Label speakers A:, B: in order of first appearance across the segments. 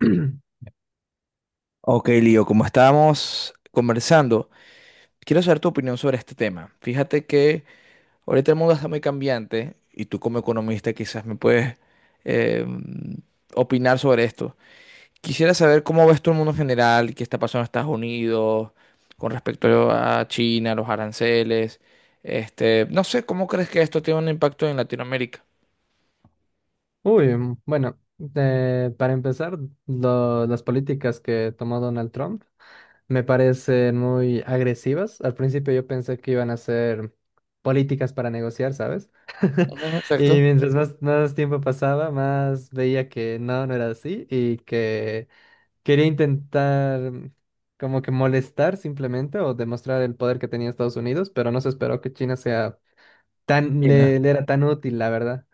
A: Ok, Lío, como estábamos conversando, quiero saber tu opinión sobre este tema. Fíjate que ahorita el mundo está muy cambiante y tú como economista quizás me puedes eh, opinar sobre esto. Quisiera saber cómo ves tú el mundo en general, qué está pasando en Estados Unidos con respecto a China, los aranceles. Este, no sé, ¿cómo crees que esto tiene un impacto en Latinoamérica?
B: Uy, mm, bueno, para empezar, las políticas que tomó Donald Trump me parecen muy agresivas. Al principio yo pensé que iban a ser políticas para negociar, ¿sabes?
A: Ujú,
B: Y
A: exacto.
B: mientras más tiempo pasaba, más veía que no, no era así y que quería intentar como que molestar simplemente o demostrar el poder que tenía Estados Unidos, pero no se esperó que China sea tan,
A: China.
B: le era tan útil, la verdad.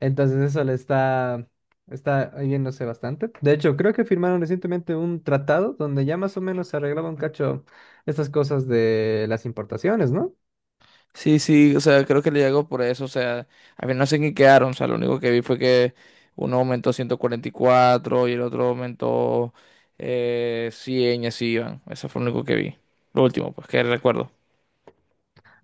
B: Entonces eso está yéndose bastante. De hecho, creo que firmaron recientemente un tratado donde ya más o menos se arreglaba un cacho estas cosas de las importaciones, ¿no?
A: Sí, sí, o sea, creo que le llegó por eso, o sea, a mí no sé en qué quedaron, o sea, lo único que vi fue que uno aumentó 144 y el otro aumentó 100 y así iban, eso fue lo único que vi, lo último, pues que recuerdo.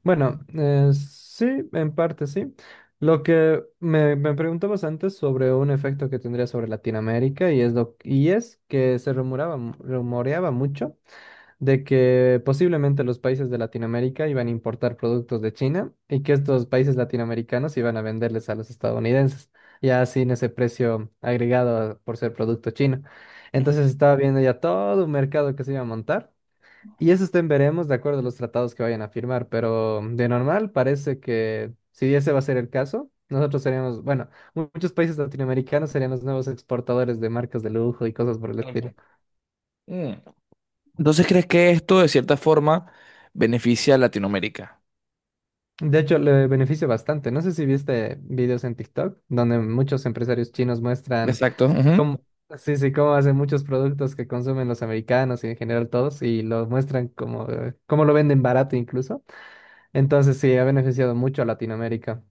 B: Bueno, sí, en parte sí. Lo que me preguntabas antes sobre un efecto que tendría sobre Latinoamérica y es, y es que se rumoraba, rumoreaba mucho de que posiblemente los países de Latinoamérica iban a importar productos de China y que estos países latinoamericanos iban a venderles a los estadounidenses, ya sin ese precio agregado por ser producto chino.
A: Ujú.
B: Entonces estaba viendo ya todo un mercado que se iba a montar y eso estén veremos de acuerdo a los tratados que vayan a firmar, pero de normal parece que si ese va a ser el caso, nosotros seríamos, bueno, muchos países latinoamericanos serían los nuevos exportadores de marcas de lujo y cosas por el estilo.
A: Mm. Entonces, ¿crees que esto de cierta forma beneficia a Latinoamérica?
B: De hecho, le beneficia bastante. No sé si viste videos en TikTok donde muchos empresarios chinos muestran
A: Exacto. Ujú.
B: cómo, sí, sí, cómo hacen muchos productos que consumen los americanos y en general todos y los muestran como, cómo lo venden barato incluso. Entonces, sí, ha beneficiado mucho a Latinoamérica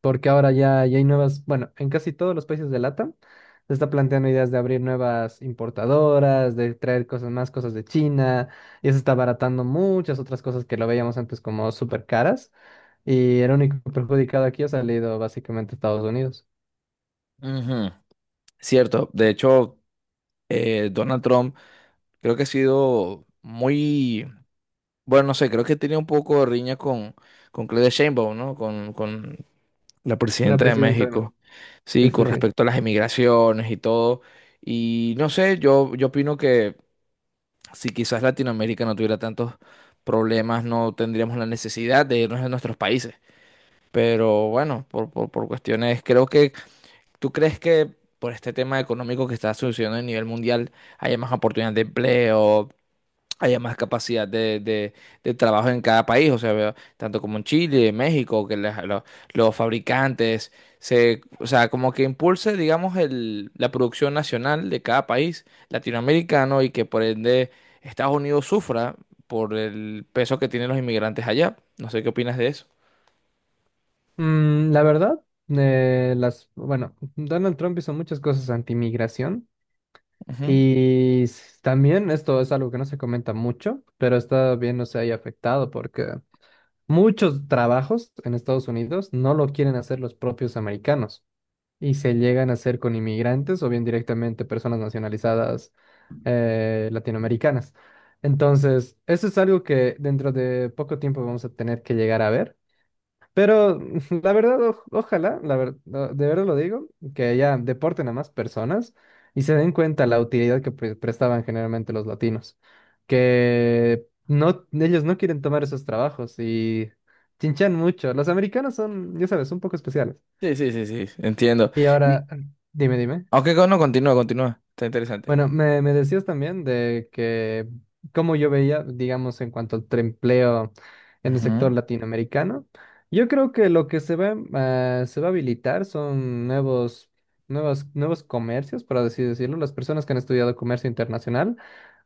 B: porque ahora ya hay nuevas, bueno, en casi todos los países de LATAM se está planteando ideas de abrir nuevas importadoras, de traer cosas más cosas de China y se está abaratando muchas otras cosas que lo veíamos antes como súper caras. Y el único perjudicado aquí ha salido básicamente Estados Unidos.
A: Ujú, cierto. De hecho, Donald Trump creo que ha sido muy. Bueno, no sé, creo que tenía un poco de riña con Claudia Sheinbaum, ¿no? Con la
B: La
A: presidenta de
B: presidenta de...
A: México.
B: Sí,
A: Sí, con
B: sí, sí.
A: respecto a las emigraciones y todo. Y no sé, yo opino que si quizás Latinoamérica no tuviera tantos problemas, no tendríamos la necesidad de irnos a nuestros países. Pero bueno, por cuestiones, creo que tú crees que por este tema económico que está sucediendo a nivel mundial, haya más oportunidades de empleo, haya más capacidad de trabajo en cada país, o sea, veo tanto como en Chile, en México, que los fabricantes, se, o sea, como que impulse, digamos, la producción nacional de cada país latinoamericano y que por ende Estados Unidos sufra por el peso que tienen los inmigrantes allá. No sé qué opinas de eso.
B: La verdad, Bueno, Donald Trump hizo muchas cosas anti-migración.
A: Ujú.
B: También esto es algo que no se comenta mucho, pero está bien no se haya afectado porque muchos trabajos en Estados Unidos no lo quieren hacer los propios americanos, y se llegan a hacer con inmigrantes o bien directamente personas nacionalizadas latinoamericanas. Entonces, eso es algo que dentro de poco tiempo vamos a tener que llegar a ver. Pero la verdad, ojalá, no, de verdad lo digo, que ya deporten a más personas y se den cuenta la utilidad que prestaban generalmente los latinos, que no, ellos no quieren tomar esos trabajos y chinchan mucho. Los americanos son, ya sabes, un poco especiales.
A: Sí, sí, sí, sí, entiendo.
B: Y
A: Y,
B: ahora, dime.
A: Aunque no, continúa, continúa, está interesante.
B: Bueno, me decías también de que como yo veía, digamos, en cuanto al empleo en el sector
A: Ujú.
B: latinoamericano, yo creo que lo que se va a habilitar son nuevos comercios, por así decirlo. Las personas que han estudiado comercio internacional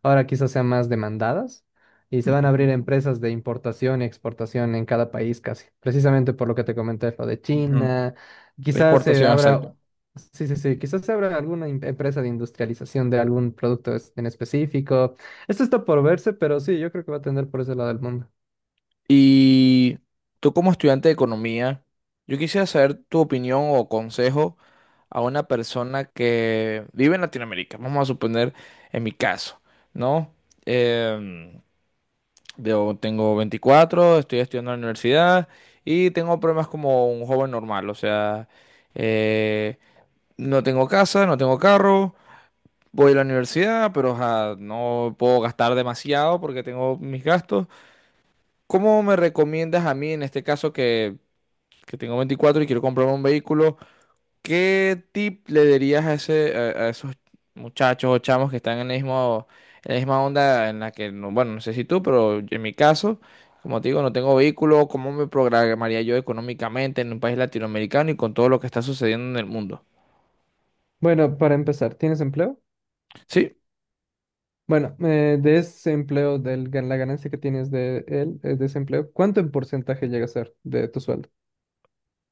B: ahora quizás sean más demandadas y se van a abrir
A: Ujú.
B: empresas de importación y exportación en cada país casi, precisamente por lo que te comenté, lo de
A: Ujú.
B: China. Quizás se
A: Exportación, exacto.
B: abra. Sí, sí, sí. Quizás habrá alguna empresa de industrialización de algún producto en específico. Esto está por verse, pero sí, yo creo que va a tender por ese lado del mundo.
A: Y tú como estudiante de economía, yo quisiera saber tu opinión o consejo a una persona que vive en Latinoamérica. Vamos a suponer en mi caso, ¿no? Em, yo tengo 24, estoy estudiando en la universidad y tengo problemas como un joven normal. O sea, eh, no tengo casa, no tengo carro, voy a la universidad, pero ajá, no puedo gastar demasiado porque tengo mis gastos. ¿Cómo me recomiendas a mí en este caso que tengo 24 y quiero comprarme un vehículo, ¿qué tip le darías a ese, a esos muchachos o chamos que están en el mismo, en la misma onda en la que, bueno, no sé si tú, pero en mi caso, como te digo, no tengo vehículo, ¿cómo me programaría yo económicamente en un país latinoamericano y con todo lo que está sucediendo en el mundo?
B: Bueno, para empezar, ¿tienes empleo?
A: ¿Sí?
B: Bueno, de ese empleo, de la ganancia que tienes de él, de ese empleo, ¿cuánto en porcentaje llega a ser de tu sueldo?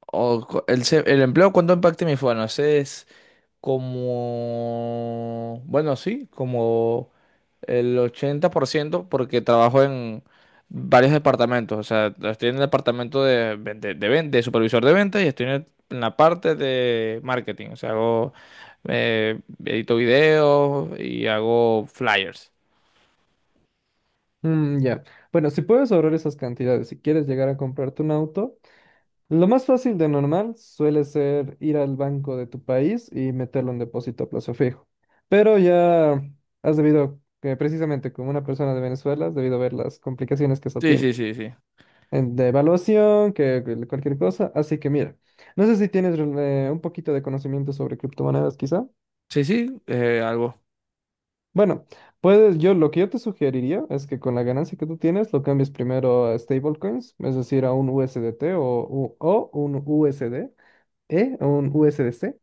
A: O co- el, se- el empleo, ¿cuánto impacta en mi vida? Bueno, ese es como, bueno, sí, como el 80% porque trabajo en varios departamentos. O sea, estoy en el departamento de supervisor de ventas y estoy en la parte de marketing. O sea, eh, edito videos y hago flyers.
B: Mm, ya. Bueno, si puedes ahorrar esas cantidades, si quieres llegar a comprarte un auto, lo más fácil de normal suele ser ir al banco de tu país y meterlo en depósito a plazo fijo. Pero ya has debido, que precisamente como una persona de Venezuela, has debido ver las complicaciones que eso
A: Sí,
B: tiene.
A: sí, sí, sí.
B: De evaluación, que cualquier cosa. Así que mira, no sé si tienes un poquito de conocimiento sobre criptomonedas quizá.
A: Sí, sí, algo.
B: Bueno, puedes, yo lo que yo te sugeriría es que con la ganancia que tú tienes lo cambies primero a stablecoins, es decir, a un USDT o un USD, ¿eh? Un U S D C.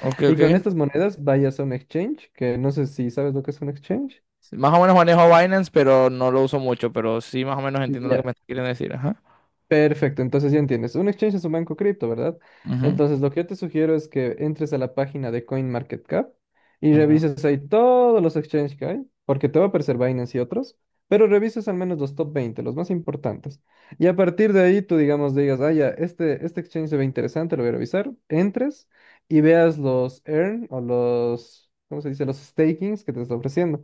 A: Ok,
B: Y
A: ok.
B: con estas monedas vayas a un exchange, que no sé si sabes lo que es un exchange.
A: Más o menos manejo Binance, pero no lo uso mucho. Pero sí, más o menos
B: Y
A: entiendo lo que
B: ya,
A: me quieren decir. Ajá.
B: Perfecto, entonces ya entiendes. Un exchange es un banco cripto, ¿verdad?
A: Ujú,
B: Entonces lo que yo te sugiero es que entres a la página de CoinMarketCap y
A: ujú.
B: revises ahí todos los exchanges que hay, porque te va a aparecer Binance y otros, pero revises al menos los top 20, los más importantes. Y a partir de ahí tú, digamos, digas, ah, ya, este exchange se ve interesante, lo voy a revisar. Entres y veas los earn o los, ¿cómo se dice? Los stakings que te está ofreciendo.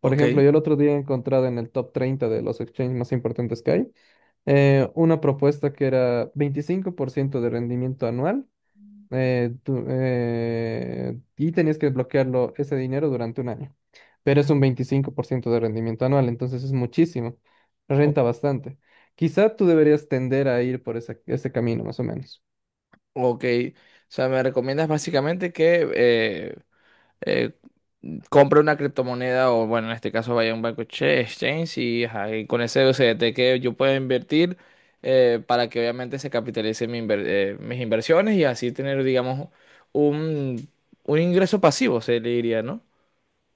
B: Por
A: Ok.
B: ejemplo, yo el otro día he encontrado en el top 30 de los exchanges más importantes que hay una propuesta que era 25% de rendimiento anual y tenías que bloquearlo ese dinero durante un año. Pero es un 25% de rendimiento anual, entonces es muchísimo,
A: O-
B: renta bastante. Quizá tú deberías tender a ir por ese camino, más o menos.
A: ok. O sea, me recomiendas básicamente que... eh, compra una criptomoneda o, bueno, en este caso vaya a un banco exchange y, ajá, y con ese USDT que yo pueda invertir, para que obviamente se capitalice mis inversiones y así tener, digamos, un, un ingreso pasivo, se le diría, ¿no?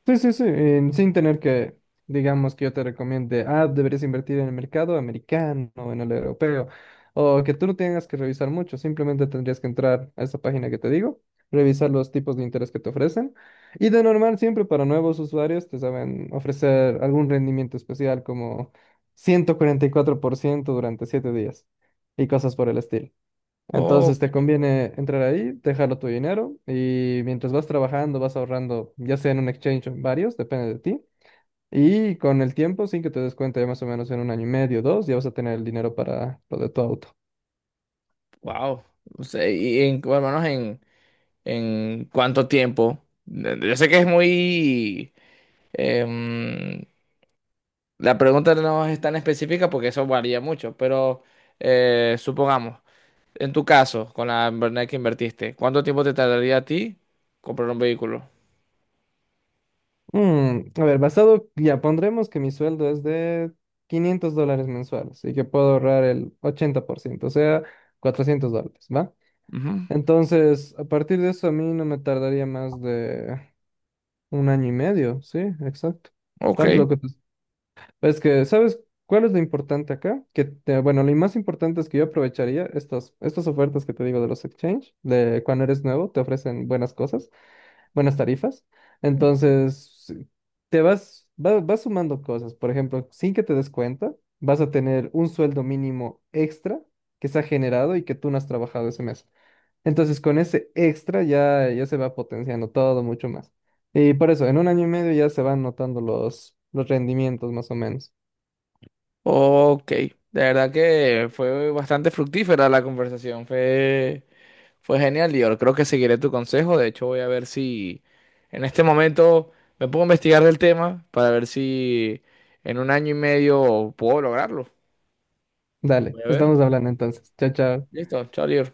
B: Sí, sí, sí, sin tener que, digamos, que yo te recomiende, ah, deberías invertir en el mercado americano o en el europeo, o que tú no tengas que revisar mucho, simplemente tendrías que entrar a esa página que te digo, revisar los tipos de interés que te ofrecen, y de normal siempre para nuevos usuarios te saben ofrecer algún rendimiento especial como 144% durante 7 días y cosas por el estilo.
A: Oh,
B: Entonces te conviene entrar ahí, dejarlo tu dinero y mientras vas trabajando vas ahorrando, ya sea en un exchange o en varios, depende de ti. Y con el tiempo, sin que te des cuenta, ya más o menos en un año y medio, dos, ya vas a tener el dinero para lo de tu auto.
A: wow. O sea, y en, bueno, al menos en, cuánto tiempo. Yo sé que es em, la pregunta no es tan específica porque eso varía mucho, pero supongamos. En tu caso, con la verdad que invertiste, ¿cuánto tiempo te tardaría a ti comprar un vehículo?
B: Mm, a ver, basado, ya pondremos que mi sueldo es de $500 mensuales y que puedo ahorrar el 80%, o sea, $400, ¿va?
A: Ujú,
B: Entonces, a partir de eso, a mí no me tardaría más de un año y medio, sí, exacto.
A: ok,
B: Tal lo que te Es que, ¿sabes cuál es lo importante acá? Que, bueno, lo más importante es que yo aprovecharía estas ofertas que te digo de los exchange, de cuando eres nuevo, te ofrecen buenas cosas, buenas tarifas. Entonces, vas sumando cosas. Por ejemplo, sin que te des cuenta, vas a tener un sueldo mínimo extra que se ha generado y que tú no has trabajado ese mes. Entonces, con ese extra ya se va potenciando todo mucho más. Y por eso, en un año y medio ya se van notando los rendimientos más o menos.
A: ok. De verdad que fue bastante fructífera la conversación, fue genial y yo creo que seguiré tu consejo. De hecho, voy a ver si en este momento me pongo a investigar del tema para ver si en un año y medio puedo lograrlo.
B: Dale,
A: Voy a ver.
B: estamos hablando entonces. Chao, chao.
A: Listo, chao, Lior.